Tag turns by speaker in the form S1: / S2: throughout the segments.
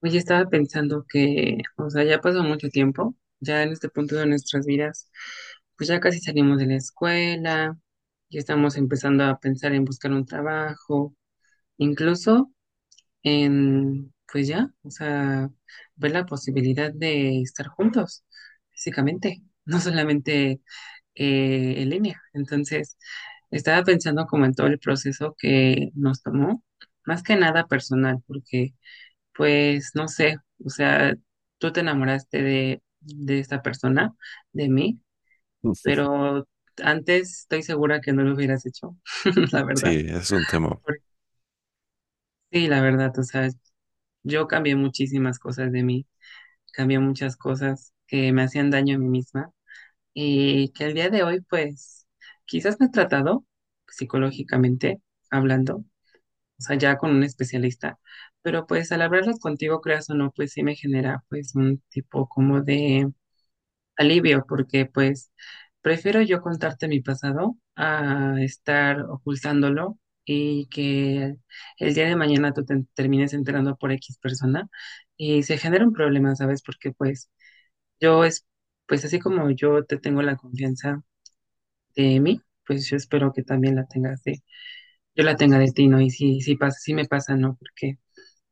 S1: Oye, estaba pensando que, o sea, ya pasó mucho tiempo, ya en este punto de nuestras vidas, pues ya casi salimos de la escuela, ya estamos empezando a pensar en buscar un trabajo, incluso en, pues ya, o sea, ver la posibilidad de estar juntos físicamente, no solamente en línea. Entonces, estaba pensando como en todo el proceso que nos tomó, más que nada personal, porque pues no sé, o sea, tú te enamoraste de esta persona, de mí, pero antes estoy segura que no lo hubieras hecho, la verdad.
S2: Sí, es un tema.
S1: Porque sí, la verdad, o sea, yo cambié muchísimas cosas de mí, cambié muchas cosas que me hacían daño a mí misma y que al día de hoy, pues, quizás me he tratado psicológicamente hablando, o sea, ya con un especialista. Pero pues al hablarlo contigo, creas o no, pues sí me genera pues un tipo como de alivio, porque pues prefiero yo contarte mi pasado a estar ocultándolo y que el día de mañana tú te termines enterando por X persona y se genera un problema, ¿sabes? Porque pues yo es, pues así como yo te tengo la confianza de mí, pues yo espero que también la tengas de, yo la tenga de ti, ¿no? Y si, si pasa, si me pasa, ¿no? Porque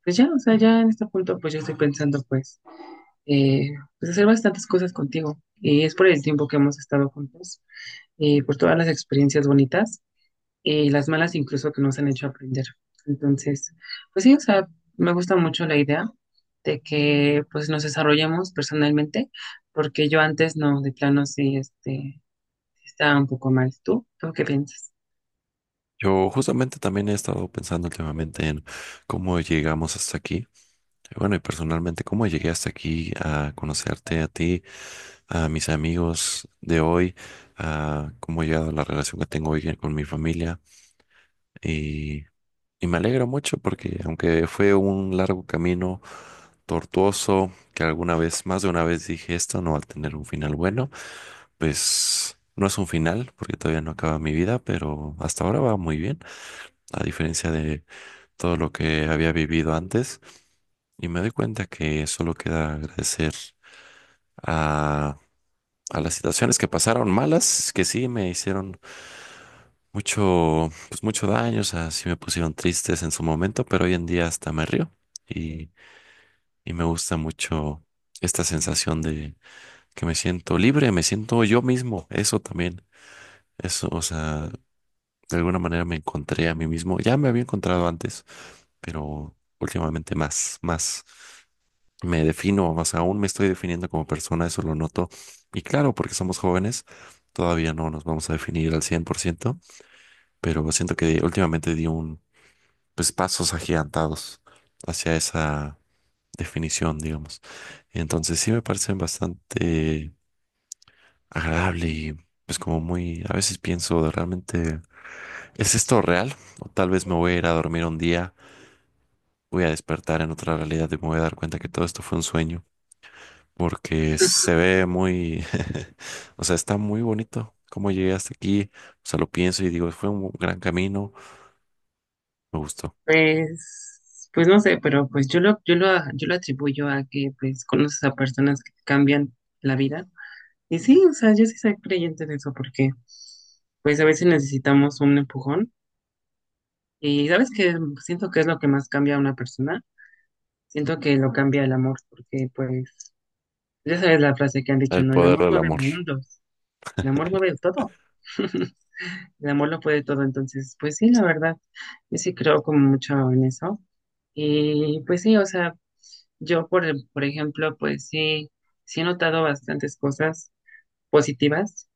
S1: pues ya, o sea, ya en este punto pues yo estoy pensando pues, eh, pues hacer bastantes cosas contigo. Y es por el tiempo que hemos estado juntos por todas las experiencias bonitas y las malas incluso que nos han hecho aprender. Entonces, pues sí, o sea, me gusta mucho la idea de que pues nos desarrollemos personalmente, porque yo antes no, de plano sí, este, estaba un poco mal. ¿Tú? ¿Tú qué piensas?
S2: Yo justamente también he estado pensando últimamente en cómo llegamos hasta aquí. Bueno, y personalmente, cómo llegué hasta aquí a conocerte a ti, a mis amigos de hoy, a cómo he llegado a la relación que tengo hoy con mi familia. Y me alegro mucho porque aunque fue un largo camino tortuoso, que alguna vez, más de una vez dije esto no va a tener un final bueno, pues no es un final porque todavía no acaba mi vida, pero hasta ahora va muy bien, a diferencia de todo lo que había vivido antes. Y me doy cuenta que solo queda agradecer a, a las situaciones que pasaron malas, que sí me hicieron mucho, pues mucho daño, o sea, sí me pusieron tristes en su momento, pero hoy en día hasta me río. y y me gusta mucho esta sensación de que me siento libre, me siento yo mismo, eso también, eso, o sea, de alguna manera me encontré a mí mismo, ya me había encontrado antes, pero últimamente más me defino, más aún me estoy definiendo como persona, eso lo noto, y claro, porque somos jóvenes, todavía no nos vamos a definir al 100%, pero siento que últimamente pues, pasos agigantados hacia esa definición, digamos. Entonces sí me parecen bastante agradable y pues como muy, a veces pienso de realmente, ¿es esto real? O tal vez me voy a ir a dormir un día, voy a despertar en otra realidad y me voy a dar cuenta que todo esto fue un sueño, porque se ve muy, o sea, está muy bonito cómo llegué hasta aquí, o sea, lo pienso y digo, fue un gran camino, me gustó.
S1: Pues, pues no sé, pero pues yo lo atribuyo a que pues conoces a personas que te cambian la vida. Y sí, o sea, yo sí soy creyente de eso porque pues a veces necesitamos un empujón. Y sabes que siento que es lo que más cambia a una persona. Siento que lo cambia el amor, porque pues, ya sabes la frase que han dicho,
S2: El
S1: ¿no? El
S2: poder
S1: amor
S2: del
S1: mueve
S2: amor.
S1: mundos, el amor mueve todo. El amor lo puede todo, entonces, pues sí, la verdad, yo sí creo como mucho en eso. Y pues sí, o sea, yo por ejemplo, pues sí, sí he notado bastantes cosas positivas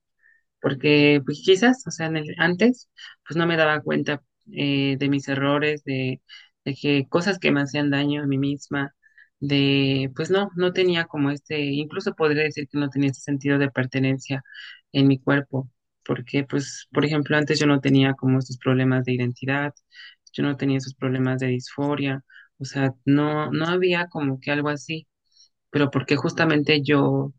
S1: porque pues quizás, o sea, en el, antes, pues no me daba cuenta de mis errores, de que cosas que me hacían daño a mí misma, de, pues no, no tenía como este, incluso podría decir que no tenía este sentido de pertenencia en mi cuerpo, porque pues, por ejemplo, antes yo no tenía como estos problemas de identidad, yo no tenía esos problemas de disforia, o sea, no, no había como que algo así, pero porque justamente yo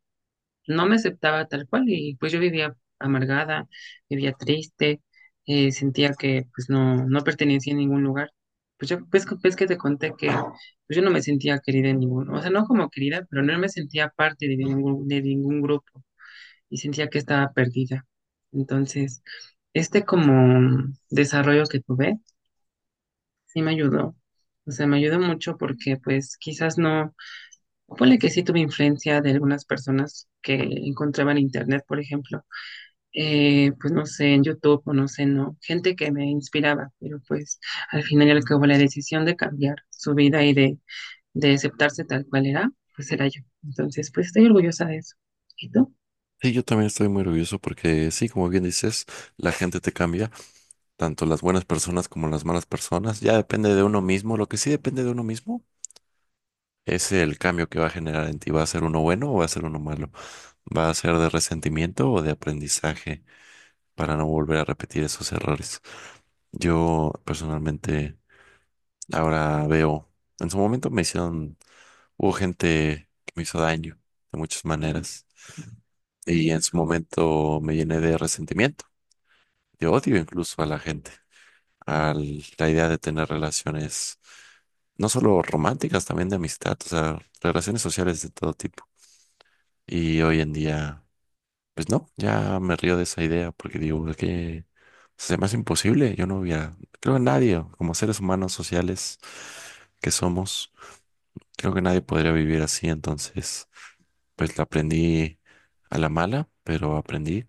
S1: no me aceptaba tal cual y pues yo vivía amargada, vivía triste, sentía que pues no, no pertenecía a ningún lugar. Pues yo, pues que te conté que pues, yo no me sentía querida en ningún, o sea, no como querida, pero no me sentía parte de ningún grupo y sentía que estaba perdida. Entonces, este como desarrollo que tuve, sí me ayudó. O sea, me ayudó mucho porque pues quizás no, ponle que sí tuve influencia de algunas personas que encontraba en internet, por ejemplo, pues no sé, en YouTube o no sé, no, gente que me inspiraba, pero pues al final y al cabo la decisión de cambiar su vida y de aceptarse tal cual era, pues era yo. Entonces, pues estoy orgullosa de eso. ¿Y tú?
S2: Sí, yo también estoy muy orgulloso porque sí, como bien dices, la gente te cambia. Tanto las buenas personas como las malas personas. Ya depende de uno mismo. Lo que sí depende de uno mismo es el cambio que va a generar en ti. ¿Va a ser uno bueno o va a ser uno malo? ¿Va a ser de resentimiento o de aprendizaje para no volver a repetir esos errores? Yo personalmente ahora veo, en su momento me hicieron, hubo gente que me hizo daño de muchas maneras y en su momento me llené de resentimiento, de odio incluso a la gente. A la idea de tener relaciones, no solo románticas, también de amistad, o sea, relaciones sociales de todo tipo. Y hoy en día, pues no, ya me río de esa idea porque digo "Es que se me hace imposible. Yo no hubiera, creo que nadie, como seres humanos sociales que somos, creo que nadie podría vivir así. Entonces, pues la aprendí a la mala, pero aprendí.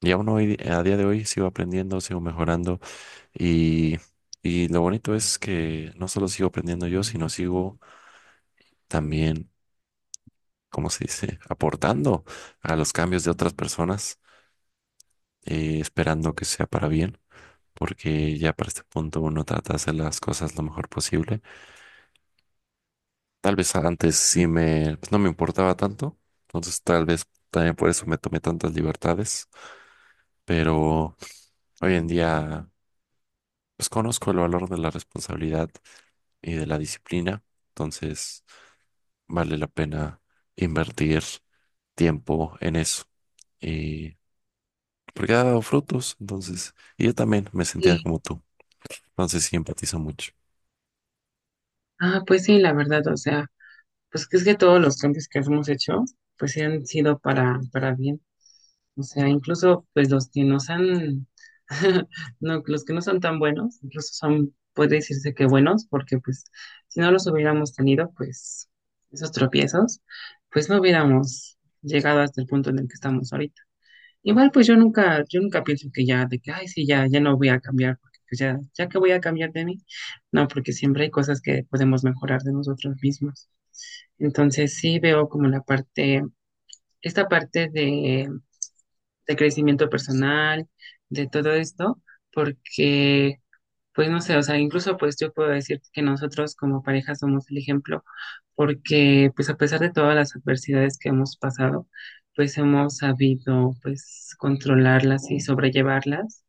S2: Y aún hoy, a día de hoy, sigo aprendiendo, sigo mejorando. Y, y lo bonito es que no solo sigo aprendiendo yo, sino sigo también, ¿cómo se dice?, aportando a los cambios de otras personas, esperando que sea para bien, porque ya para este punto uno trata de hacer las cosas lo mejor posible. Tal vez antes sí me, pues, no me importaba tanto, entonces tal vez también por eso me tomé tantas libertades, pero hoy en día pues conozco el valor de la responsabilidad y de la disciplina, entonces vale la pena invertir tiempo en eso. Y porque ha dado frutos, entonces, y yo también me sentía
S1: Sí,
S2: como tú, entonces sí empatizo mucho.
S1: ah, pues sí, la verdad, o sea, pues que es que todos los cambios que hemos hecho, pues sí han sido para bien. O sea, incluso pues los que no son, no, los que no son tan buenos, incluso son, puede decirse que buenos, porque pues si no los hubiéramos tenido, pues esos tropiezos, pues no hubiéramos llegado hasta el punto en el que estamos ahorita. Igual pues yo nunca pienso que ya, de que, ay, sí, ya, ya no voy a cambiar, porque pues ya, ya que voy a cambiar de mí, no, porque siempre hay cosas que podemos mejorar de nosotros mismos. Entonces sí veo como la parte, esta parte de crecimiento personal, de todo esto, porque, pues no sé, o sea, incluso pues yo puedo decir que nosotros como pareja somos el ejemplo, porque pues a pesar de todas las adversidades que hemos pasado, pues hemos sabido pues controlarlas y sobrellevarlas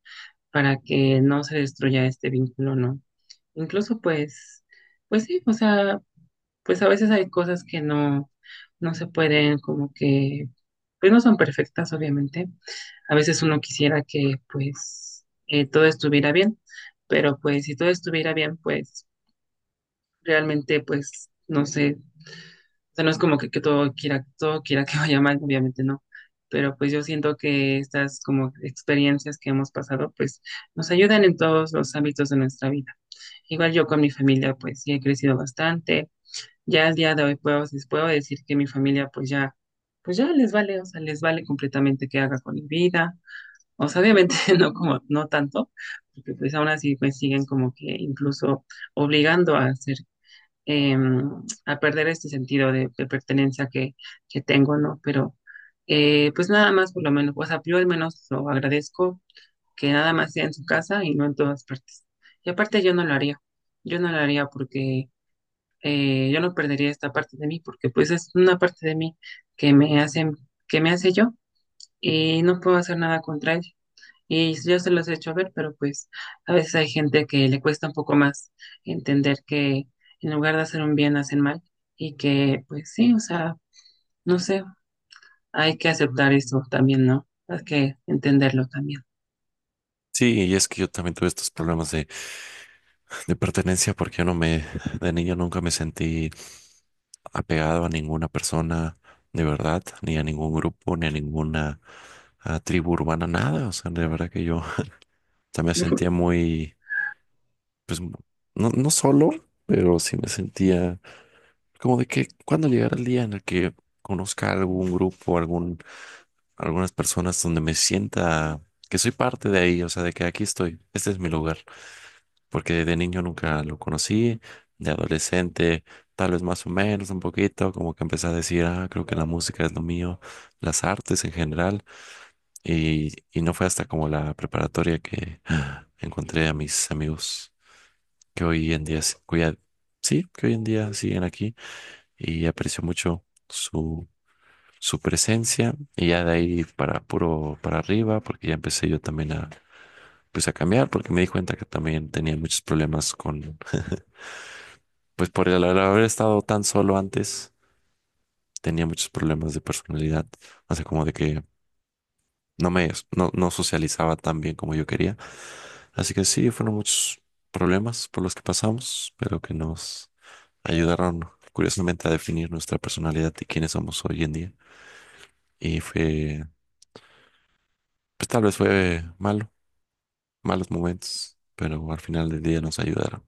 S1: para que no se destruya este vínculo, ¿no? Incluso pues, pues sí, o sea, pues a veces hay cosas que no, no se pueden, como que, pues no son perfectas, obviamente. A veces uno quisiera que, pues, todo estuviera bien, pero pues si todo estuviera bien, pues realmente, pues, no sé, o sea, no es como que todo quiera que vaya mal, obviamente no. Pero pues yo siento que estas como experiencias que hemos pasado, pues nos ayudan en todos los ámbitos de nuestra vida. Igual yo con mi familia, pues sí he crecido bastante ya al día de hoy puedo, les puedo decir que mi familia pues ya les vale, o sea, les vale completamente qué haga con mi vida. O sea, obviamente no como, no tanto, porque pues aún así pues siguen como que incluso obligando a hacer, a perder este sentido de pertenencia que tengo, ¿no? Pero pues nada más por lo menos, o sea, yo al menos lo agradezco que nada más sea en su casa y no en todas partes. Y aparte yo no lo haría porque yo no perdería esta parte de mí porque pues es una parte de mí que me hace, que me hace yo y no puedo hacer nada contra ella. Y yo se los he hecho ver, pero pues a veces hay gente que le cuesta un poco más entender que en lugar de hacer un bien hacen mal y que pues sí, o sea, no sé, hay que aceptar eso también, ¿no? Hay que entenderlo también.
S2: Sí, y es que yo también tuve estos problemas de pertenencia porque yo no me, de niño nunca me sentí apegado a ninguna persona de verdad, ni a ningún grupo, ni a ninguna ah, tribu urbana, nada. O sea, de verdad que yo también me sentía muy, pues, no, no solo, pero sí me sentía como de que cuando llegara el día en el que conozca algún grupo, algún, algunas personas donde me sienta que soy parte de ahí, o sea, de que aquí estoy, este es mi lugar, porque de niño nunca lo conocí, de adolescente, tal vez más o menos un poquito, como que empecé a decir, ah, creo que la música es lo mío, las artes en general, y no fue hasta como la preparatoria que ah, encontré a mis amigos que hoy en día, cuya, sí, que hoy en día siguen aquí y aprecio mucho. Su su presencia y ya de ahí para puro para arriba, porque ya empecé yo también a pues a cambiar porque me di cuenta que también tenía muchos problemas con pues por el al haber estado tan solo antes tenía muchos problemas de personalidad, o sea, como de que no me no, no socializaba tan bien como yo quería, así que sí, fueron muchos problemas por los que pasamos, pero que nos ayudaron curiosamente a definir nuestra personalidad y quiénes somos hoy en día y fue pues tal vez fue malo malos momentos, pero al final del día nos ayudaron.